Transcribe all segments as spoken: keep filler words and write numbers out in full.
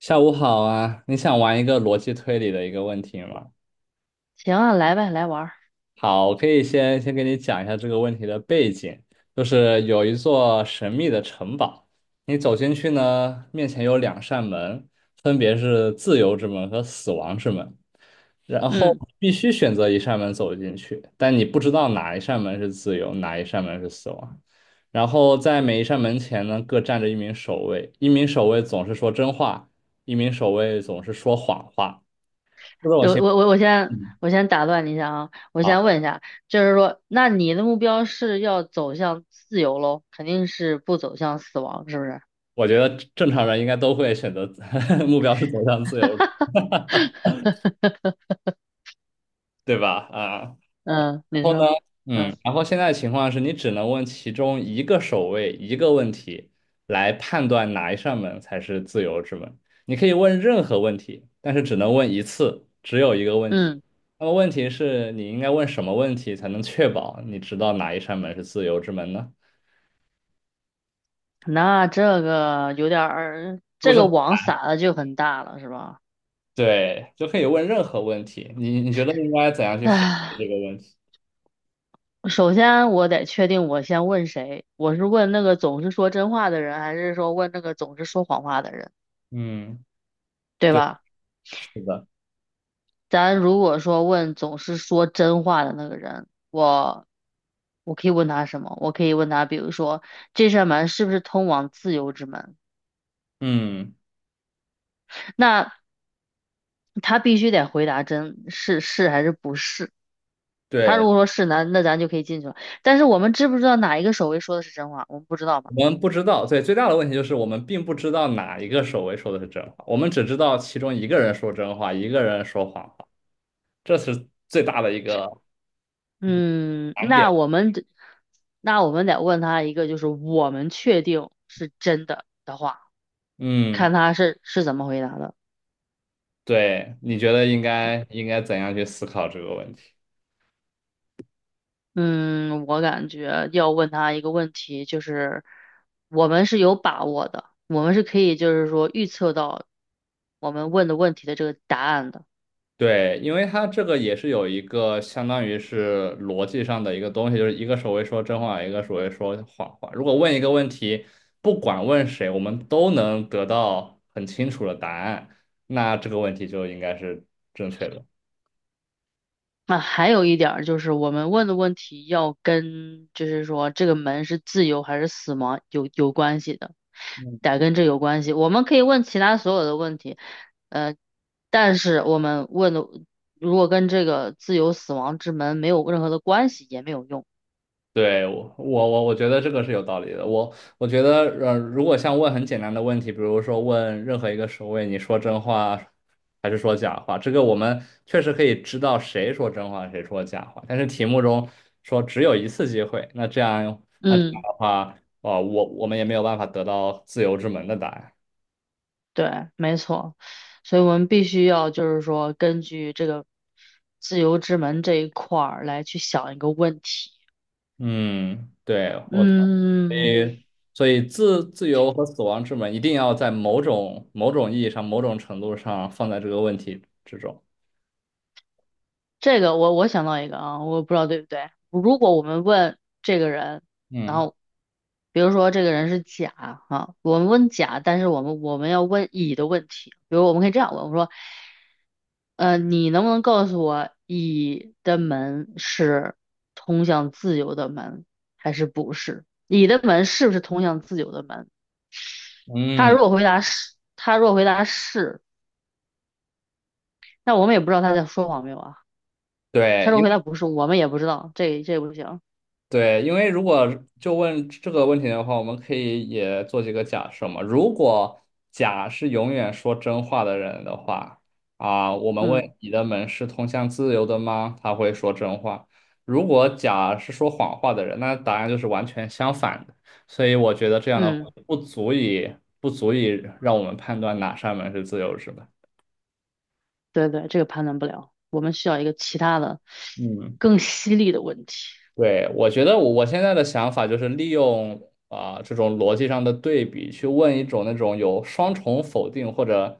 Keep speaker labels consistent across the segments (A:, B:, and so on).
A: 下午好啊，你想玩一个逻辑推理的一个问题吗？
B: 行啊，来呗，来玩儿。
A: 好，我可以先先给你讲一下这个问题的背景，就是有一座神秘的城堡，你走进去呢，面前有两扇门，分别是自由之门和死亡之门，然后
B: 嗯，
A: 必须选择一扇门走进去，但你不知道哪一扇门是自由，哪一扇门是死亡。然后在每一扇门前呢，各站着一名守卫，一名守卫总是说真话，一名守卫总是说谎话。这种
B: 我
A: 情
B: 我我我先
A: 嗯。
B: 我先打断你一下啊，我
A: 啊，
B: 先问一下，就是说，那你的目标是要走向自由喽，肯定是不走向死亡，是不是？
A: 我觉得正常人应该都会选择 目标是走向自由，对吧？啊，然
B: 嗯，你
A: 后呢，
B: 说，嗯
A: 嗯。然后现在情况是你只能问其中一个守卫一个问题来判断哪一扇门才是自由之门。你可以问任何问题，但是只能问一次，只有一个问题。
B: 嗯，
A: 那么问题是你应该问什么问题才能确保你知道哪一扇门是自由之门呢？
B: 那这个有点儿，
A: 是
B: 这
A: 是？
B: 个
A: 不
B: 网撒的就很大了，是吧？
A: 对，就可以问任何问题。你你觉得应该怎样去分析这
B: 唉，
A: 个问题？
B: 首先我得确定我先问谁，我是问那个总是说真话的人，还是说问那个总是说谎话的人，
A: 嗯，
B: 对
A: 对，
B: 吧？
A: 是的。
B: 咱如果说问总是说真话的那个人，我我可以问他什么？我可以问他，比如说这扇门是不是通往自由之门？
A: 嗯，
B: 那他必须得回答真是是还是不是。他如
A: 对，
B: 果说是，那那咱就可以进去了。但是我们知不知道哪一个守卫说的是真话？我们不知道吧？
A: 我们不知道。对，最大的问题就是我们并不知道哪一个守卫说的是真话，我们只知道其中一个人说真话，一个人说谎话，这是最大的一个
B: 嗯，
A: 难
B: 那
A: 点。
B: 我们得那我们得问他一个，就是我们确定是真的的话，
A: 嗯，
B: 看他是是怎么回答的。
A: 对，你觉得应该应该怎样去思考这个问题？
B: 嗯，我感觉要问他一个问题，就是我们是有把握的，我们是可以就是说预测到我们问的问题的这个答案的。
A: 对，因为它这个也是有一个相当于是逻辑上的一个东西，就是一个手会说真话，一个手会说谎话。如果问一个问题，不管问谁，我们都能得到很清楚的答案，那这个问题就应该是正确的。
B: 那还有一点儿就是我们问的问题要跟就是说这个门是自由还是死亡有有关系的，得跟这有关系。我们可以问其他所有的问题，呃，但是我们问的如果跟这个自由死亡之门没有任何的关系也没有用。
A: 对，我我我我觉得这个是有道理的。我我觉得，呃，如果像问很简单的问题，比如说问任何一个守卫，你说真话还是说假话，这个我们确实可以知道谁说真话，谁说假话。但是题目中说只有一次机会，那这样的
B: 嗯。
A: 话，哦，我我们也没有办法得到自由之门的答案。
B: 对，没错，所以我们必须要就是说，根据这个自由之门这一块儿来去想一个问题。
A: 嗯，对，我同
B: 嗯，
A: 意。所以自自由和死亡之门一定要在某种某种意义上、某种程度上放在这个问题之中。
B: 这个我我想到一个啊，我不知道对不对。如果我们问这个人，然
A: 嗯。
B: 后比如说这个人是甲啊，我们问甲，但是我们我们要问乙的问题，比如我们可以这样问，我说，呃，你能不能告诉我乙的门是通向自由的门还是不是？乙的门是不是通向自由的门？他
A: 嗯，
B: 如果回答是，他如果回答是，那我们也不知道他在说谎没有啊。他
A: 对，
B: 如
A: 因
B: 果回
A: 为
B: 答不是，我们也不知道，这这不行。
A: 对，因为如果就问这个问题的话，我们可以也做几个假设嘛。如果甲是永远说真话的人的话，啊，我们问
B: 嗯
A: 你的门是通向自由的吗？他会说真话。如果甲是说谎话的人，那答案就是完全相反的。所以我觉得这样的话
B: 嗯，
A: 不足以不足以让我们判断哪扇门是自由是吧？
B: 对对，这个判断不了，我们需要一个其他的
A: 嗯。
B: 更犀利的问题。
A: 对，我觉得我我现在的想法就是利用啊、这种逻辑上的对比，去问一种那种有双重否定或者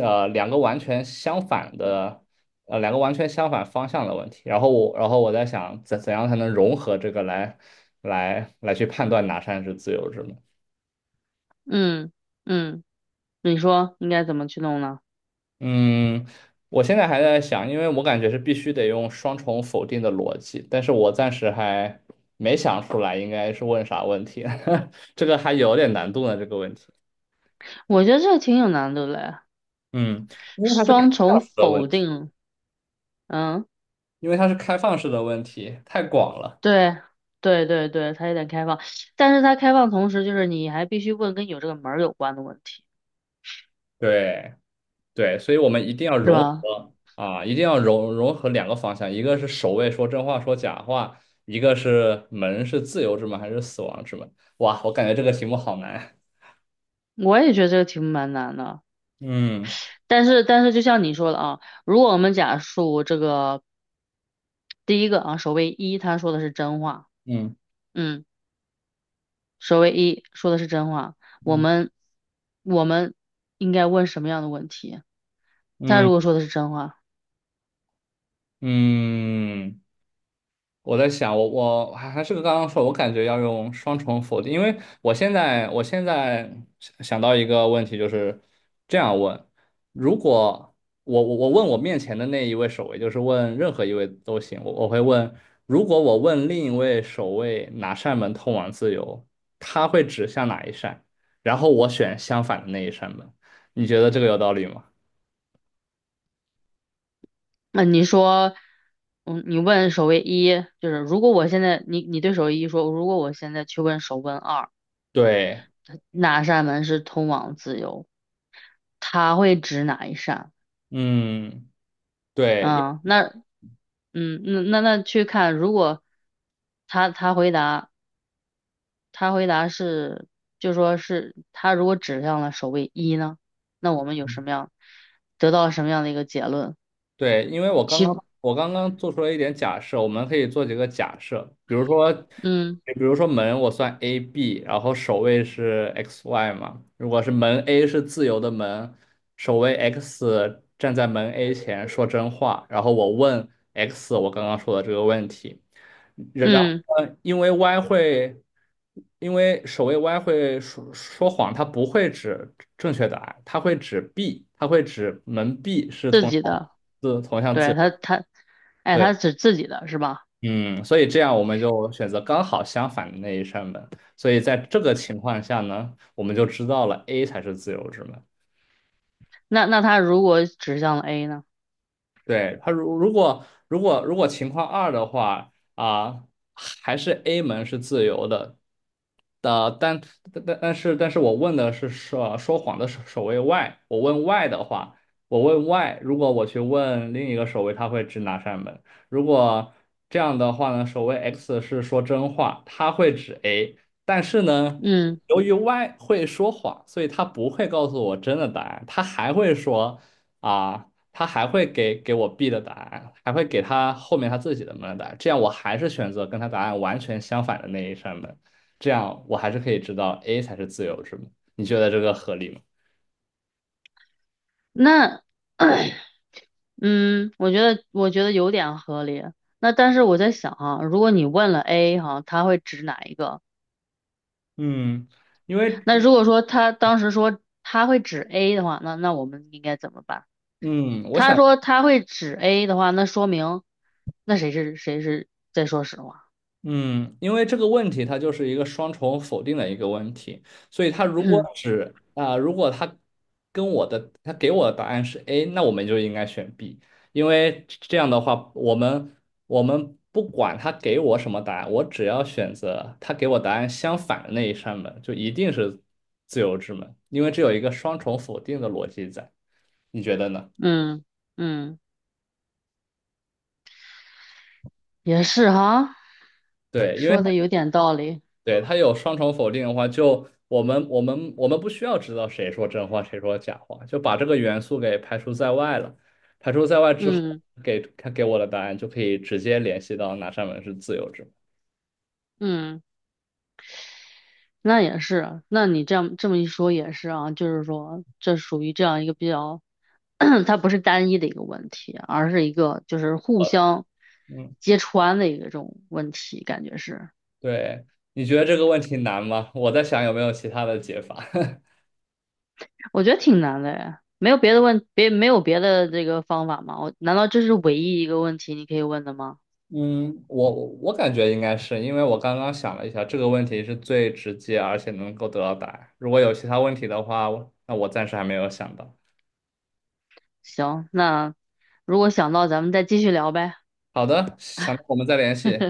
A: 呃两个完全相反的呃两个完全相反方向的问题。然后我然后我在想怎怎样才能融合这个来来来去判断哪扇是自由之门。
B: 嗯嗯，你说应该怎么去弄呢？
A: 嗯，我现在还在想，因为我感觉是必须得用双重否定的逻辑，但是我暂时还没想出来应该是问啥问题，这个还有点难度呢，这个问题。
B: 我觉得这个挺有难度的嘞，
A: 嗯，因为它是开
B: 双重
A: 放式的问
B: 否
A: 题，
B: 定。嗯，
A: 因为它是开放式的问题，太广了。
B: 对对对对，它有点开放，但是它开放同时就是你还必须问跟有这个门儿有关的问题，
A: 对对，所以我们一定要
B: 是
A: 融
B: 吧？
A: 合啊，一定要融融合两个方向，一个是守卫说真话说假话，一个是门是自由之门还是死亡之门。哇，我感觉这个题目好难。
B: 我也觉得这个题目蛮难的，
A: 嗯
B: 但是但是就像你说的啊，如果我们假述这个第一个啊，首位一他说的是真话。
A: 嗯。
B: 嗯。守卫一说的是真话，我
A: 嗯
B: 们我们应该问什么样的问题？他
A: 嗯
B: 如果说的是真话，
A: 嗯，我在想，我我还还是刚刚说，我感觉要用双重否定，因为我现在我现在想想到一个问题，就是这样问：如果我我我问我面前的那一位守卫，就是问任何一位都行，我我会问，如果我问另一位守卫哪扇门通往自由，他会指向哪一扇，然后我选相反的那一扇门，你觉得这个有道理吗？
B: 那你说，嗯，你问守卫一，就是如果我现在你你对守卫一说，如果我现在去问守卫二，
A: 对。
B: 哪扇门是通往自由？他会指哪一扇？
A: 嗯。对。
B: 嗯，那嗯那那那去看，如果他他回答。他回答是，就说是他如果指向了首位一呢，那我们有什么样，得到什么样的一个结论？
A: 对，因为我刚
B: 其，
A: 刚我刚刚做出了一点假设，我们可以做几个假设，比如说，
B: 嗯
A: 比如说门我算 A B，然后首位是 X Y 嘛，如果是门 A 是自由的门，首位 X 站在门 A 前说真话，然后我问 X 我刚刚说的这个问题，然然后
B: 嗯，
A: 呢，因为 Y 会，因为守卫 Y 会说说谎，它不会指正确答案，它会指 B，它会指门 B 是
B: 自
A: 同
B: 己
A: 向
B: 的，
A: 字同向自
B: 对他
A: 由。
B: 他，哎，
A: 对。
B: 他指自己的是吧？
A: 嗯。所以这样我们就选择刚好相反的那一扇门。所以在这个情况下呢，我们就知道了 A 才是自由之门。
B: 那那他如果指向了 A 呢？
A: 对，它如如果如果如果情况二的话啊，还是 A 门是自由的，的，但但但但是，但是我问的是说说谎的守守卫 Y，我问 Y 的话，我问 Y，如果我去问另一个守卫，他会指哪扇门？如果这样的话呢，守卫 X 是说真话，他会指 A，但是呢，
B: 嗯，
A: 由于 Y 会说谎，所以他不会告诉我真的答案，他还会说啊，他还会给给我 B 的答案，还会给他后面他自己的门的答案，这样我还是选择跟他答案完全相反的那一扇门。这样我还是可以知道 A 才是自由之门。你觉得这个合理吗？
B: 那 嗯，我觉得我觉得有点合理。那但是我在想啊，如果你问了 A 哈、他会指哪一个？
A: 嗯。因为
B: 那如果说他当时说他会指 A 的话，那那我们应该怎么办？
A: 嗯。我
B: 他
A: 想
B: 说他会指 A 的话，那说明那谁是谁是在说实话。
A: 嗯。因为这个问题它就是一个双重否定的一个问题，所以它 如果
B: 嗯
A: 只啊、如果它跟我的它给我的答案是 A，那我们就应该选 B，因为这样的话，我们我们不管他给我什么答案，我只要选择他给我答案相反的那一扇门，就一定是自由之门，因为这有一个双重否定的逻辑在。你觉得呢？
B: 嗯嗯，也是哈，
A: 对。因为
B: 说
A: 它
B: 的有点道理。
A: 对，它有双重否定的话，就我们我们我们不需要知道谁说真话，谁说假话，就把这个元素给排除在外了。排除在外之后，
B: 嗯
A: 给它给我的答案就可以直接联系到哪扇门是自由之门。
B: 嗯，那也是啊。那你这样这么一说也是啊，就是说这属于这样一个比较，它不是单一的一个问题，而是一个就是互
A: 呃
B: 相
A: 嗯，
B: 揭穿的一个这种问题，感觉是。
A: 对，你觉得这个问题难吗？我在想有没有其他的解法。
B: 我觉得挺难的呀，没有别的问，别没有别的这个方法吗？我难道这是唯一一个问题你可以问的吗？
A: 嗯，我我感觉应该是，因为我刚刚想了一下，这个问题是最直接而且能够得到答案。如果有其他问题的话，我那我暂时还没有想到。
B: 行，那如果想到咱们再继续聊呗。
A: 好的，想到我们再联系。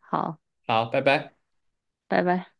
B: 好，
A: 好，拜拜。
B: 拜拜。